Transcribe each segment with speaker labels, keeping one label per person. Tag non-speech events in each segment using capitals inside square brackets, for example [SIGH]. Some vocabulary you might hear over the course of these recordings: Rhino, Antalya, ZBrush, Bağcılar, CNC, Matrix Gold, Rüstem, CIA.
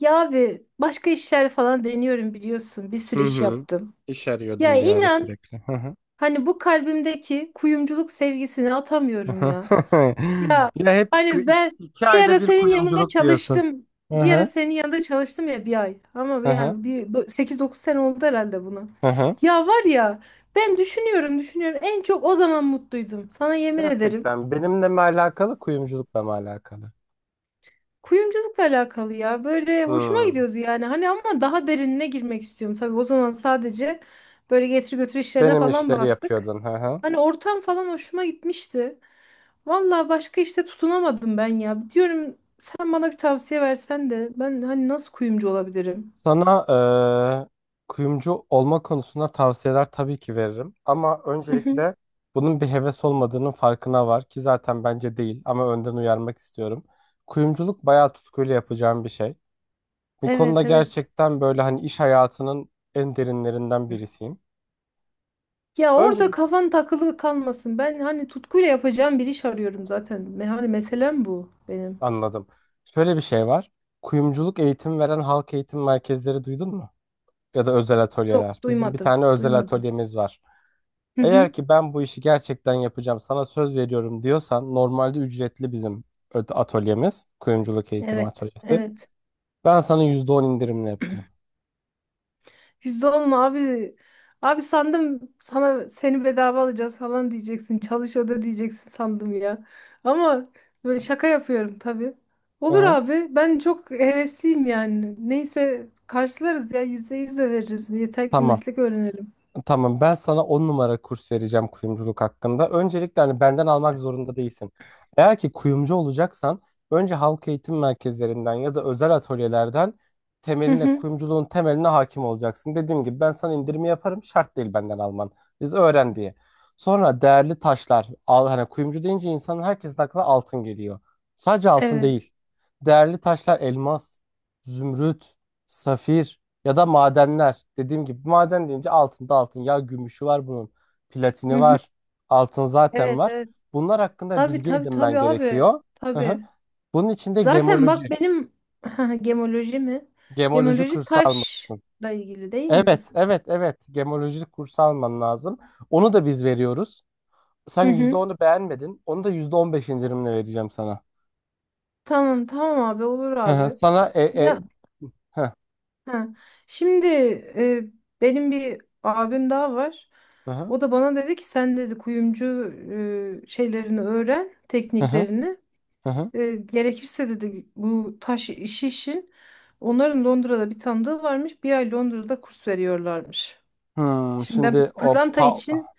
Speaker 1: Ya abi başka işler falan deniyorum biliyorsun. Bir sürü
Speaker 2: Hı
Speaker 1: iş
Speaker 2: hı.
Speaker 1: yaptım.
Speaker 2: İş
Speaker 1: Ya
Speaker 2: arıyordum bir ara
Speaker 1: inan
Speaker 2: sürekli. Hı hı.
Speaker 1: hani bu kalbimdeki kuyumculuk sevgisini atamıyorum
Speaker 2: Hı
Speaker 1: ya. Ya
Speaker 2: [LAUGHS] Ya hep k-
Speaker 1: hani ben
Speaker 2: iki
Speaker 1: bir
Speaker 2: ayda
Speaker 1: ara
Speaker 2: bir
Speaker 1: senin yanında
Speaker 2: kuyumculuk diyorsun.
Speaker 1: çalıştım.
Speaker 2: Hı
Speaker 1: Bir ara
Speaker 2: hı.
Speaker 1: senin yanında çalıştım ya bir ay.
Speaker 2: Hı
Speaker 1: Ama
Speaker 2: hı.
Speaker 1: yani bir 8-9 sene oldu herhalde buna.
Speaker 2: Hı hı.
Speaker 1: Ya var ya ben düşünüyorum en çok o zaman mutluydum. Sana yemin ederim.
Speaker 2: Gerçekten benimle mi alakalı, kuyumculukla mı alakalı?
Speaker 1: Kuyumculukla alakalı ya. Böyle hoşuma
Speaker 2: Hmm.
Speaker 1: gidiyordu yani. Hani ama daha derinine girmek istiyorum. Tabii o zaman sadece böyle getir götür işlerine
Speaker 2: Benim
Speaker 1: falan
Speaker 2: işleri
Speaker 1: baktık.
Speaker 2: yapıyordun. Hı hı.
Speaker 1: Hani ortam falan hoşuma gitmişti. Vallahi başka işte tutunamadım ben ya. Diyorum sen bana bir tavsiye versen de ben hani nasıl kuyumcu olabilirim?
Speaker 2: Sana eee, kuyumcu olma konusunda tavsiyeler tabii ki veririm. Ama
Speaker 1: Hı hı.
Speaker 2: öncelikle bunun bir heves olmadığının farkına var ki, zaten bence değil ama önden uyarmak istiyorum. Kuyumculuk bayağı tutkuyla yapacağım bir şey. Bu konuda
Speaker 1: Evet evet.
Speaker 2: gerçekten böyle hani iş hayatının en derinlerinden birisiyim.
Speaker 1: Ya orada
Speaker 2: Öncelikle
Speaker 1: kafan takılı kalmasın. Ben hani tutkuyla yapacağım bir iş arıyorum zaten. Me- Hani meselem bu benim.
Speaker 2: anladım. Şöyle bir şey var. Kuyumculuk eğitim veren halk eğitim merkezleri duydun mu? Ya da özel
Speaker 1: Yok
Speaker 2: atölyeler. Bizim bir
Speaker 1: duymadım.
Speaker 2: tane özel
Speaker 1: Duymadım.
Speaker 2: atölyemiz var.
Speaker 1: Hı hı.
Speaker 2: Eğer ki ben bu işi gerçekten yapacağım, sana söz veriyorum diyorsan, normalde ücretli bizim atölyemiz. Kuyumculuk eğitimi
Speaker 1: Evet,
Speaker 2: atölyesi.
Speaker 1: evet.
Speaker 2: Ben sana %10 indirimle yapacağım.
Speaker 1: Yüzde on mu abi? Abi sandım sana seni bedava alacağız falan diyeceksin. Çalış oda diyeceksin sandım ya. Ama böyle şaka yapıyorum tabii. Olur
Speaker 2: Aha.
Speaker 1: abi. Ben çok hevesliyim yani. Neyse karşılarız ya. Yüzde yüz de veririz. Yeter ki
Speaker 2: Tamam.
Speaker 1: meslek öğrenelim.
Speaker 2: Tamam, ben sana 10 numara kurs vereceğim kuyumculuk hakkında. Öncelikle hani benden almak zorunda değilsin. Eğer ki kuyumcu olacaksan, önce halk eğitim merkezlerinden ya da özel atölyelerden
Speaker 1: Hı
Speaker 2: temeline,
Speaker 1: hı.
Speaker 2: kuyumculuğun temeline hakim olacaksın. Dediğim gibi ben sana indirimi yaparım, şart değil benden alman. Biz öğren diye. Sonra değerli taşlar al, hani kuyumcu deyince insanın, herkesin aklına altın geliyor. Sadece altın
Speaker 1: Evet.
Speaker 2: değil. Değerli taşlar: elmas, zümrüt, safir. Ya da madenler. Dediğim gibi maden deyince altında altın. Ya gümüşü var bunun.
Speaker 1: Hı
Speaker 2: Platini
Speaker 1: hı.
Speaker 2: var. Altın zaten
Speaker 1: Evet,
Speaker 2: var.
Speaker 1: evet.
Speaker 2: Bunlar hakkında
Speaker 1: Tabii
Speaker 2: bilgi
Speaker 1: tabii
Speaker 2: edinmen
Speaker 1: tabii abi.
Speaker 2: gerekiyor. Hı hı.
Speaker 1: Tabii.
Speaker 2: Bunun için de
Speaker 1: Zaten bak
Speaker 2: gemoloji.
Speaker 1: benim [LAUGHS] gemoloji mi?
Speaker 2: Gemoloji
Speaker 1: Gemoloji
Speaker 2: kursu almalısın.
Speaker 1: taşla ilgili değil
Speaker 2: Evet,
Speaker 1: mi?
Speaker 2: evet, evet. Gemoloji kursu alman lazım. Onu da biz veriyoruz. Sen
Speaker 1: Hı
Speaker 2: yüzde
Speaker 1: hı.
Speaker 2: onu beğenmedin. Onu da %15 indirimle vereceğim sana.
Speaker 1: Tamam abi olur
Speaker 2: Hı hı.
Speaker 1: abi.
Speaker 2: Sana
Speaker 1: Ya
Speaker 2: hı
Speaker 1: ha. Şimdi e, benim bir abim daha var.
Speaker 2: hı
Speaker 1: O da bana dedi ki sen dedi kuyumcu şeylerini öğren,
Speaker 2: hı hı.
Speaker 1: tekniklerini.
Speaker 2: Hı hı.
Speaker 1: Gerekirse dedi bu taş işi için onların Londra'da bir tanıdığı varmış. Bir ay Londra'da kurs veriyorlarmış. Şimdi ben
Speaker 2: Şimdi o
Speaker 1: pırlanta için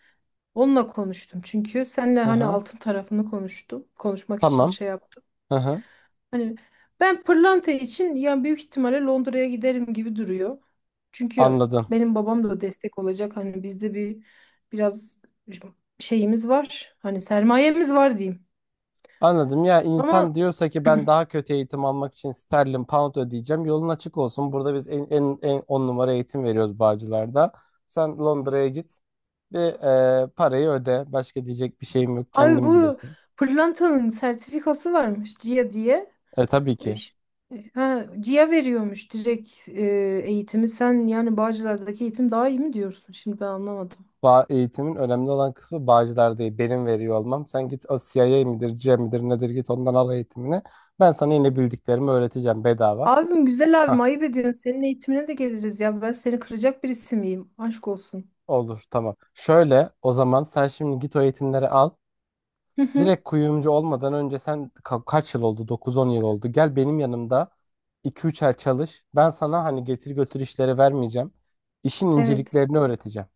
Speaker 1: onunla konuştum. Çünkü seninle
Speaker 2: hı
Speaker 1: hani
Speaker 2: hı.
Speaker 1: altın tarafını konuştum. Konuşmak için
Speaker 2: Tamam.
Speaker 1: şey yaptım.
Speaker 2: Hı hı.
Speaker 1: Hani ben pırlanta için ya büyük ihtimalle Londra'ya giderim gibi duruyor. Çünkü
Speaker 2: Anladım.
Speaker 1: benim babam da destek olacak. Hani bizde bir biraz şeyimiz var. Hani sermayemiz var diyeyim.
Speaker 2: Anladım, ya
Speaker 1: Ama
Speaker 2: insan diyorsa ki ben daha kötü eğitim almak için sterlin pound ödeyeceğim, yolun açık olsun. Burada biz en on numara eğitim veriyoruz Bağcılar'da. Sen Londra'ya git ve parayı öde, başka diyecek bir şeyim yok,
Speaker 1: abi
Speaker 2: kendin
Speaker 1: bu
Speaker 2: bilirsin.
Speaker 1: pırlantanın sertifikası varmış CIA diye.
Speaker 2: E, tabii
Speaker 1: E,
Speaker 2: ki.
Speaker 1: ş- Ha, CIA veriyormuş direkt eğitimi. Sen yani Bağcılar'daki eğitim daha iyi mi diyorsun? Şimdi ben anlamadım.
Speaker 2: Eğitimin önemli olan kısmı Bağcılar değil, benim veriyor olmam. Sen git, o CIA midir, C midir nedir, git ondan al eğitimini, ben sana yine bildiklerimi öğreteceğim bedava.
Speaker 1: Abim güzel abim
Speaker 2: Hah,
Speaker 1: ayıp ediyorsun. Senin eğitimine de geliriz ya. Ben seni kıracak birisi miyim? Aşk olsun.
Speaker 2: olur, tamam. Şöyle, o zaman sen şimdi git o eğitimleri al.
Speaker 1: Hı hı,
Speaker 2: Direkt kuyumcu olmadan önce sen kaç yıl oldu? 9-10 yıl oldu. Gel benim yanımda 2-3 ay çalış. Ben sana hani getir götür işleri vermeyeceğim. İşin
Speaker 1: evet.
Speaker 2: inceliklerini öğreteceğim.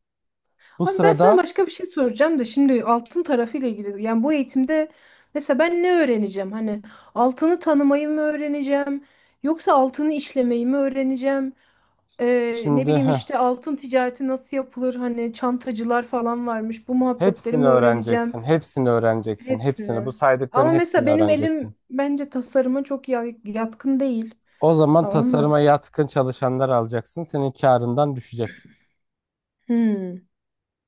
Speaker 2: Bu
Speaker 1: Abi ben sana
Speaker 2: sırada
Speaker 1: başka bir şey soracağım da şimdi altın tarafıyla ilgili. Yani bu eğitimde mesela ben ne öğreneceğim? Hani altını tanımayı mı öğreneceğim? Yoksa altını işlemeyi mi öğreneceğim? Ne
Speaker 2: şimdi
Speaker 1: bileyim işte altın ticareti nasıl yapılır? Hani çantacılar falan varmış. Bu muhabbetleri
Speaker 2: hepsini
Speaker 1: mi öğreneceğim?
Speaker 2: öğreneceksin. Hepsini öğreneceksin. Hepsini.
Speaker 1: Hepsini.
Speaker 2: Bu saydıkların
Speaker 1: Ama mesela
Speaker 2: hepsini
Speaker 1: benim
Speaker 2: öğreneceksin.
Speaker 1: elim bence tasarıma çok yatkın değil.
Speaker 2: O zaman
Speaker 1: Ha, onun
Speaker 2: tasarıma
Speaker 1: nasıl?
Speaker 2: yatkın çalışanlar alacaksın. Senin karından düşecek.
Speaker 1: Hmm.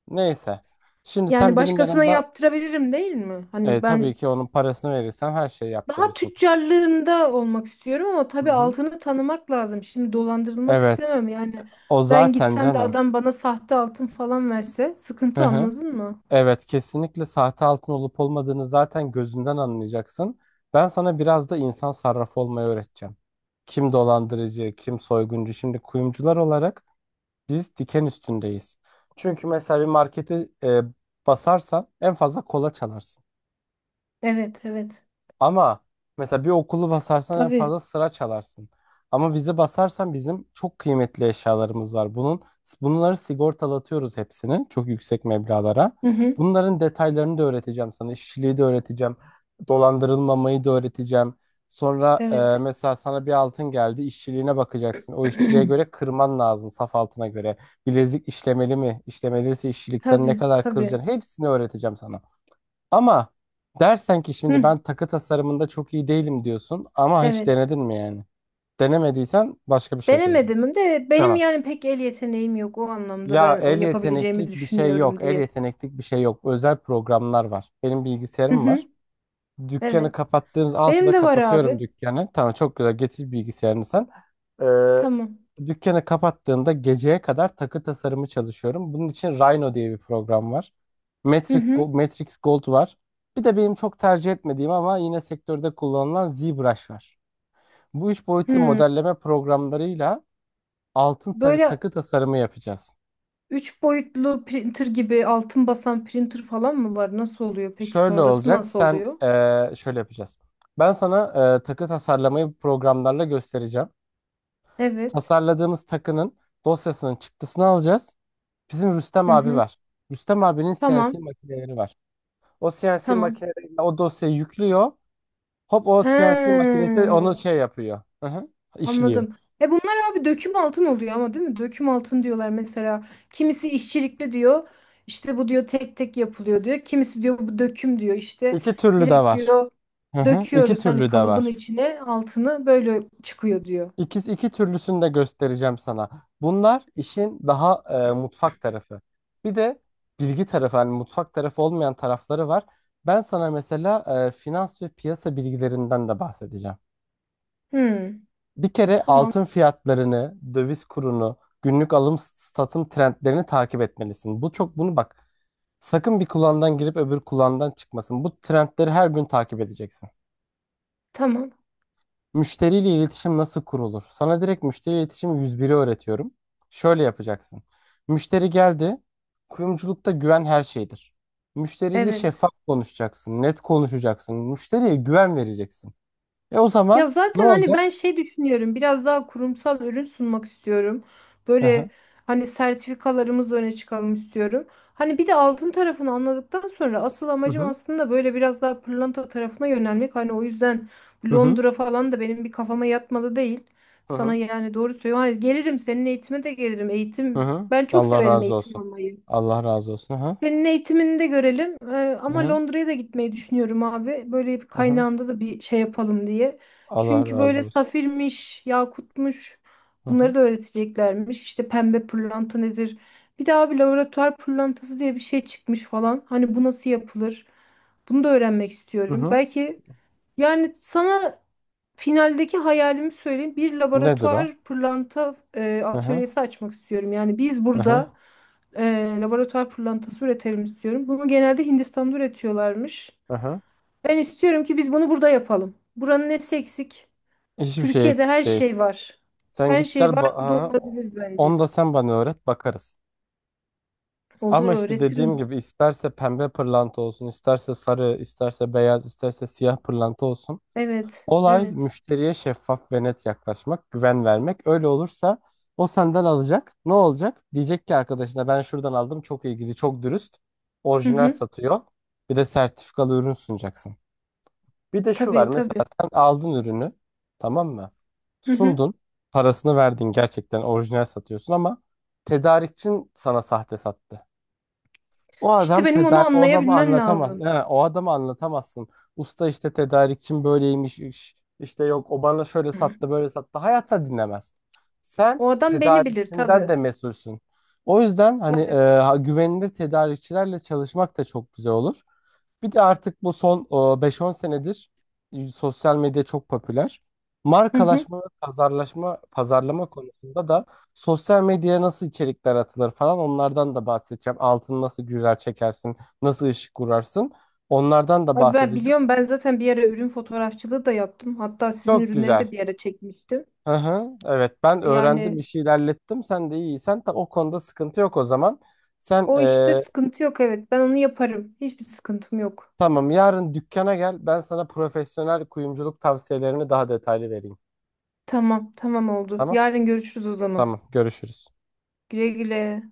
Speaker 2: Neyse. Şimdi
Speaker 1: Yani
Speaker 2: sen benim
Speaker 1: başkasına
Speaker 2: yanımda
Speaker 1: yaptırabilirim değil mi? Hani
Speaker 2: tabii
Speaker 1: ben
Speaker 2: ki onun parasını verirsen her şeyi
Speaker 1: daha
Speaker 2: yaptırırsın.
Speaker 1: tüccarlığında olmak istiyorum ama
Speaker 2: Hı
Speaker 1: tabii
Speaker 2: hı.
Speaker 1: altını tanımak lazım. Şimdi dolandırılmak
Speaker 2: Evet.
Speaker 1: istemem yani.
Speaker 2: O
Speaker 1: Ben
Speaker 2: zaten
Speaker 1: gitsem de
Speaker 2: canım.
Speaker 1: adam bana sahte altın falan verse
Speaker 2: Hı
Speaker 1: sıkıntı
Speaker 2: hı.
Speaker 1: anladın mı?
Speaker 2: Evet, kesinlikle sahte altın olup olmadığını zaten gözünden anlayacaksın. Ben sana biraz da insan sarrafı olmayı öğreteceğim. Kim dolandırıcı, kim soyguncu. Şimdi kuyumcular olarak biz diken üstündeyiz. Çünkü mesela bir markete basarsan en fazla kola çalarsın.
Speaker 1: Evet, evet.
Speaker 2: Ama mesela bir okulu basarsan en
Speaker 1: Tabii.
Speaker 2: fazla sıra çalarsın. Ama bizi basarsan, bizim çok kıymetli eşyalarımız var. Bunları sigortalatıyoruz, hepsini çok yüksek meblağlara.
Speaker 1: Hı hı.
Speaker 2: Bunların detaylarını da öğreteceğim sana. İşçiliği de öğreteceğim. Dolandırılmamayı da öğreteceğim. Sonra
Speaker 1: Evet.
Speaker 2: mesela sana bir altın geldi, işçiliğine bakacaksın. O işçiliğe göre
Speaker 1: [CLEARS THROAT]
Speaker 2: kırman lazım, saf altına göre. Bilezik işlemeli mi? İşlemeliyse işçilikten ne
Speaker 1: Tabii,
Speaker 2: kadar
Speaker 1: tabii.
Speaker 2: kıracaksın? Hepsini öğreteceğim sana. Ama dersen ki şimdi
Speaker 1: Hı,
Speaker 2: ben takı tasarımında çok iyi değilim, diyorsun ama hiç
Speaker 1: evet.
Speaker 2: denedin mi yani? Denemediysen başka bir şey söyleyeceğim.
Speaker 1: Denemedim de benim
Speaker 2: Tamam.
Speaker 1: yani pek el yeteneğim yok o anlamda
Speaker 2: Ya
Speaker 1: ben o
Speaker 2: el
Speaker 1: yapabileceğimi
Speaker 2: yeteneklik bir şey
Speaker 1: düşünmüyorum
Speaker 2: yok. El
Speaker 1: diye.
Speaker 2: yeteneklik bir şey yok. Özel programlar var. Benim
Speaker 1: Hı
Speaker 2: bilgisayarım var.
Speaker 1: hı.
Speaker 2: Dükkanı
Speaker 1: Evet.
Speaker 2: kapattığınız
Speaker 1: Benim
Speaker 2: 6'da
Speaker 1: de var abi.
Speaker 2: kapatıyorum dükkanı. Tamam, çok güzel, getir bilgisayarını sen.
Speaker 1: Tamam.
Speaker 2: Dükkanı kapattığımda geceye kadar takı tasarımı çalışıyorum. Bunun için Rhino diye bir program var.
Speaker 1: Hı hı.
Speaker 2: Matrix Gold var. Bir de benim çok tercih etmediğim ama yine sektörde kullanılan ZBrush var. Bu üç boyutlu
Speaker 1: Hı.
Speaker 2: modelleme programlarıyla altın
Speaker 1: Böyle
Speaker 2: takı tasarımı yapacağız.
Speaker 1: üç boyutlu printer gibi altın basan printer falan mı var? Nasıl oluyor? Peki
Speaker 2: Şöyle
Speaker 1: sonrası
Speaker 2: olacak,
Speaker 1: nasıl
Speaker 2: sen
Speaker 1: oluyor?
Speaker 2: şöyle yapacağız. Ben sana takı tasarlamayı programlarla göstereceğim.
Speaker 1: Evet.
Speaker 2: Tasarladığımız takının dosyasının çıktısını alacağız. Bizim Rüstem
Speaker 1: Hı
Speaker 2: abi
Speaker 1: hı.
Speaker 2: var. Rüstem abinin CNC
Speaker 1: Tamam.
Speaker 2: makineleri var. O CNC
Speaker 1: Tamam.
Speaker 2: makineleriyle o dosyayı yüklüyor. Hop, o CNC
Speaker 1: He,
Speaker 2: makinesi onu şey yapıyor. Hı hı, işliyor.
Speaker 1: anladım. E bunlar abi döküm altın oluyor ama değil mi? Döküm altın diyorlar mesela. Kimisi işçilikli diyor. İşte bu diyor tek tek yapılıyor diyor. Kimisi diyor bu döküm diyor. İşte
Speaker 2: İki türlü de
Speaker 1: direkt
Speaker 2: var.
Speaker 1: diyor
Speaker 2: Hı hı, iki
Speaker 1: döküyoruz hani
Speaker 2: türlü de
Speaker 1: kalıbın
Speaker 2: var.
Speaker 1: içine altını böyle çıkıyor diyor.
Speaker 2: İki türlüsünü de göstereceğim sana. Bunlar işin daha mutfak tarafı. Bir de bilgi tarafı, hani mutfak tarafı olmayan tarafları var. Ben sana mesela finans ve piyasa bilgilerinden de bahsedeceğim.
Speaker 1: Hmm.
Speaker 2: Bir kere
Speaker 1: Tamam.
Speaker 2: altın fiyatlarını, döviz kurunu, günlük alım satım trendlerini takip etmelisin. Bu çok, bunu bak. Sakın bir kulağından girip öbür kulağından çıkmasın. Bu trendleri her gün takip edeceksin.
Speaker 1: Tamam.
Speaker 2: Müşteriyle iletişim nasıl kurulur? Sana direkt müşteri iletişimi 101 öğretiyorum. Şöyle yapacaksın. Müşteri geldi. Kuyumculukta güven her şeydir. Müşteriyle
Speaker 1: Evet.
Speaker 2: şeffaf konuşacaksın, net konuşacaksın. Müşteriye güven vereceksin. E, o
Speaker 1: Ya
Speaker 2: zaman ne
Speaker 1: zaten hani ben
Speaker 2: olacak?
Speaker 1: şey düşünüyorum biraz daha kurumsal ürün sunmak istiyorum.
Speaker 2: Hı hı.
Speaker 1: Böyle hani sertifikalarımızla öne çıkalım istiyorum. Hani bir de altın tarafını anladıktan sonra asıl
Speaker 2: Hı
Speaker 1: amacım
Speaker 2: hı.
Speaker 1: aslında böyle biraz daha pırlanta tarafına yönelmek. Hani o yüzden
Speaker 2: Hı hı.
Speaker 1: Londra falan da benim bir kafama yatmalı değil.
Speaker 2: Hı
Speaker 1: Sana
Speaker 2: hı.
Speaker 1: yani doğru söylüyorum. Hani gelirim senin eğitime de gelirim.
Speaker 2: Hı
Speaker 1: Eğitim
Speaker 2: hı.
Speaker 1: ben çok
Speaker 2: Allah
Speaker 1: severim
Speaker 2: razı
Speaker 1: eğitim
Speaker 2: olsun.
Speaker 1: almayı.
Speaker 2: Allah razı olsun. Hı hı.
Speaker 1: Senin eğitimini de görelim.
Speaker 2: Hı
Speaker 1: Ama
Speaker 2: hı.
Speaker 1: Londra'ya da gitmeyi düşünüyorum abi. Böyle bir
Speaker 2: Hı hı.
Speaker 1: kaynağında da bir şey yapalım diye.
Speaker 2: Allah
Speaker 1: Çünkü
Speaker 2: razı
Speaker 1: böyle
Speaker 2: olsun.
Speaker 1: safirmiş, yakutmuş
Speaker 2: Hı hı.
Speaker 1: bunları da öğreteceklermiş. İşte pembe pırlanta nedir? Bir daha bir laboratuvar pırlantası diye bir şey çıkmış falan. Hani bu nasıl yapılır? Bunu da öğrenmek
Speaker 2: Hı
Speaker 1: istiyorum.
Speaker 2: hı.
Speaker 1: Belki yani sana finaldeki hayalimi söyleyeyim. Bir
Speaker 2: Nedir o?
Speaker 1: laboratuvar pırlanta
Speaker 2: Hı hı.
Speaker 1: atölyesi açmak istiyorum. Yani biz
Speaker 2: Hı hı.
Speaker 1: burada e, laboratuvar pırlantası üretelim istiyorum. Bunu genelde Hindistan'da üretiyorlarmış.
Speaker 2: Hı hı.
Speaker 1: Ben istiyorum ki biz bunu burada yapalım. Buranın nesi eksik?
Speaker 2: Hiçbir şey
Speaker 1: Türkiye'de her
Speaker 2: eksik değil.
Speaker 1: şey var.
Speaker 2: Sen
Speaker 1: Her
Speaker 2: git gel
Speaker 1: şey var. Bu da
Speaker 2: hı hı.
Speaker 1: olabilir bence.
Speaker 2: Onu da sen bana öğret, bakarız.
Speaker 1: Olur
Speaker 2: Ama işte dediğim
Speaker 1: öğretirim.
Speaker 2: gibi, isterse pembe pırlanta olsun, isterse sarı, isterse beyaz, isterse siyah pırlanta olsun.
Speaker 1: Evet,
Speaker 2: Olay
Speaker 1: evet.
Speaker 2: müşteriye şeffaf ve net yaklaşmak, güven vermek. Öyle olursa o senden alacak. Ne olacak? Diyecek ki arkadaşına, ben şuradan aldım, çok ilgili, çok dürüst.
Speaker 1: Hı
Speaker 2: Orijinal
Speaker 1: hı.
Speaker 2: satıyor. Bir de sertifikalı ürün sunacaksın. Bir de şu var
Speaker 1: Tabii, tabii.
Speaker 2: mesela: sen aldın ürünü, tamam mı?
Speaker 1: Hı hı.
Speaker 2: Sundun. Parasını verdin, gerçekten orijinal satıyorsun ama tedarikçin sana sahte sattı. O adam
Speaker 1: İşte benim onu
Speaker 2: tedarik, o adamı
Speaker 1: anlayabilmem
Speaker 2: anlatamaz.
Speaker 1: lazım.
Speaker 2: Yani o adamı anlatamazsın. Usta, işte tedarikçim böyleymiş, işte yok o bana şöyle
Speaker 1: Hı.
Speaker 2: sattı, böyle sattı. Hayatta dinlemez. Sen
Speaker 1: O adam beni bilir
Speaker 2: tedarikçinden
Speaker 1: tabii.
Speaker 2: de mesulsün. O yüzden hani güvenilir tedarikçilerle çalışmak da çok güzel olur. Bir de artık bu son 5-10 senedir sosyal medya çok popüler.
Speaker 1: Hı hı.
Speaker 2: Markalaşma ve pazarlama konusunda da Sosyal medyaya nasıl içerikler atılır falan, onlardan da bahsedeceğim. Altını nasıl güzel çekersin, nasıl ışık kurarsın, onlardan da
Speaker 1: Abi ben
Speaker 2: bahsedeceğim.
Speaker 1: biliyorum ben zaten bir ara ürün fotoğrafçılığı da yaptım. Hatta sizin
Speaker 2: Çok
Speaker 1: ürünleri
Speaker 2: güzel.
Speaker 1: de bir ara çekmiştim.
Speaker 2: Hı hı, evet ben öğrendim,
Speaker 1: Yani
Speaker 2: işi ilerlettim, sen de iyiysen ta o konuda sıkıntı yok o zaman. Sen
Speaker 1: o işte sıkıntı yok evet. Ben onu yaparım. Hiçbir sıkıntım yok.
Speaker 2: Tamam, yarın dükkana gel, ben sana profesyonel kuyumculuk tavsiyelerini daha detaylı vereyim.
Speaker 1: Tamam, tamam oldu.
Speaker 2: Tamam,
Speaker 1: Yarın görüşürüz o zaman.
Speaker 2: tamam, görüşürüz.
Speaker 1: Güle güle.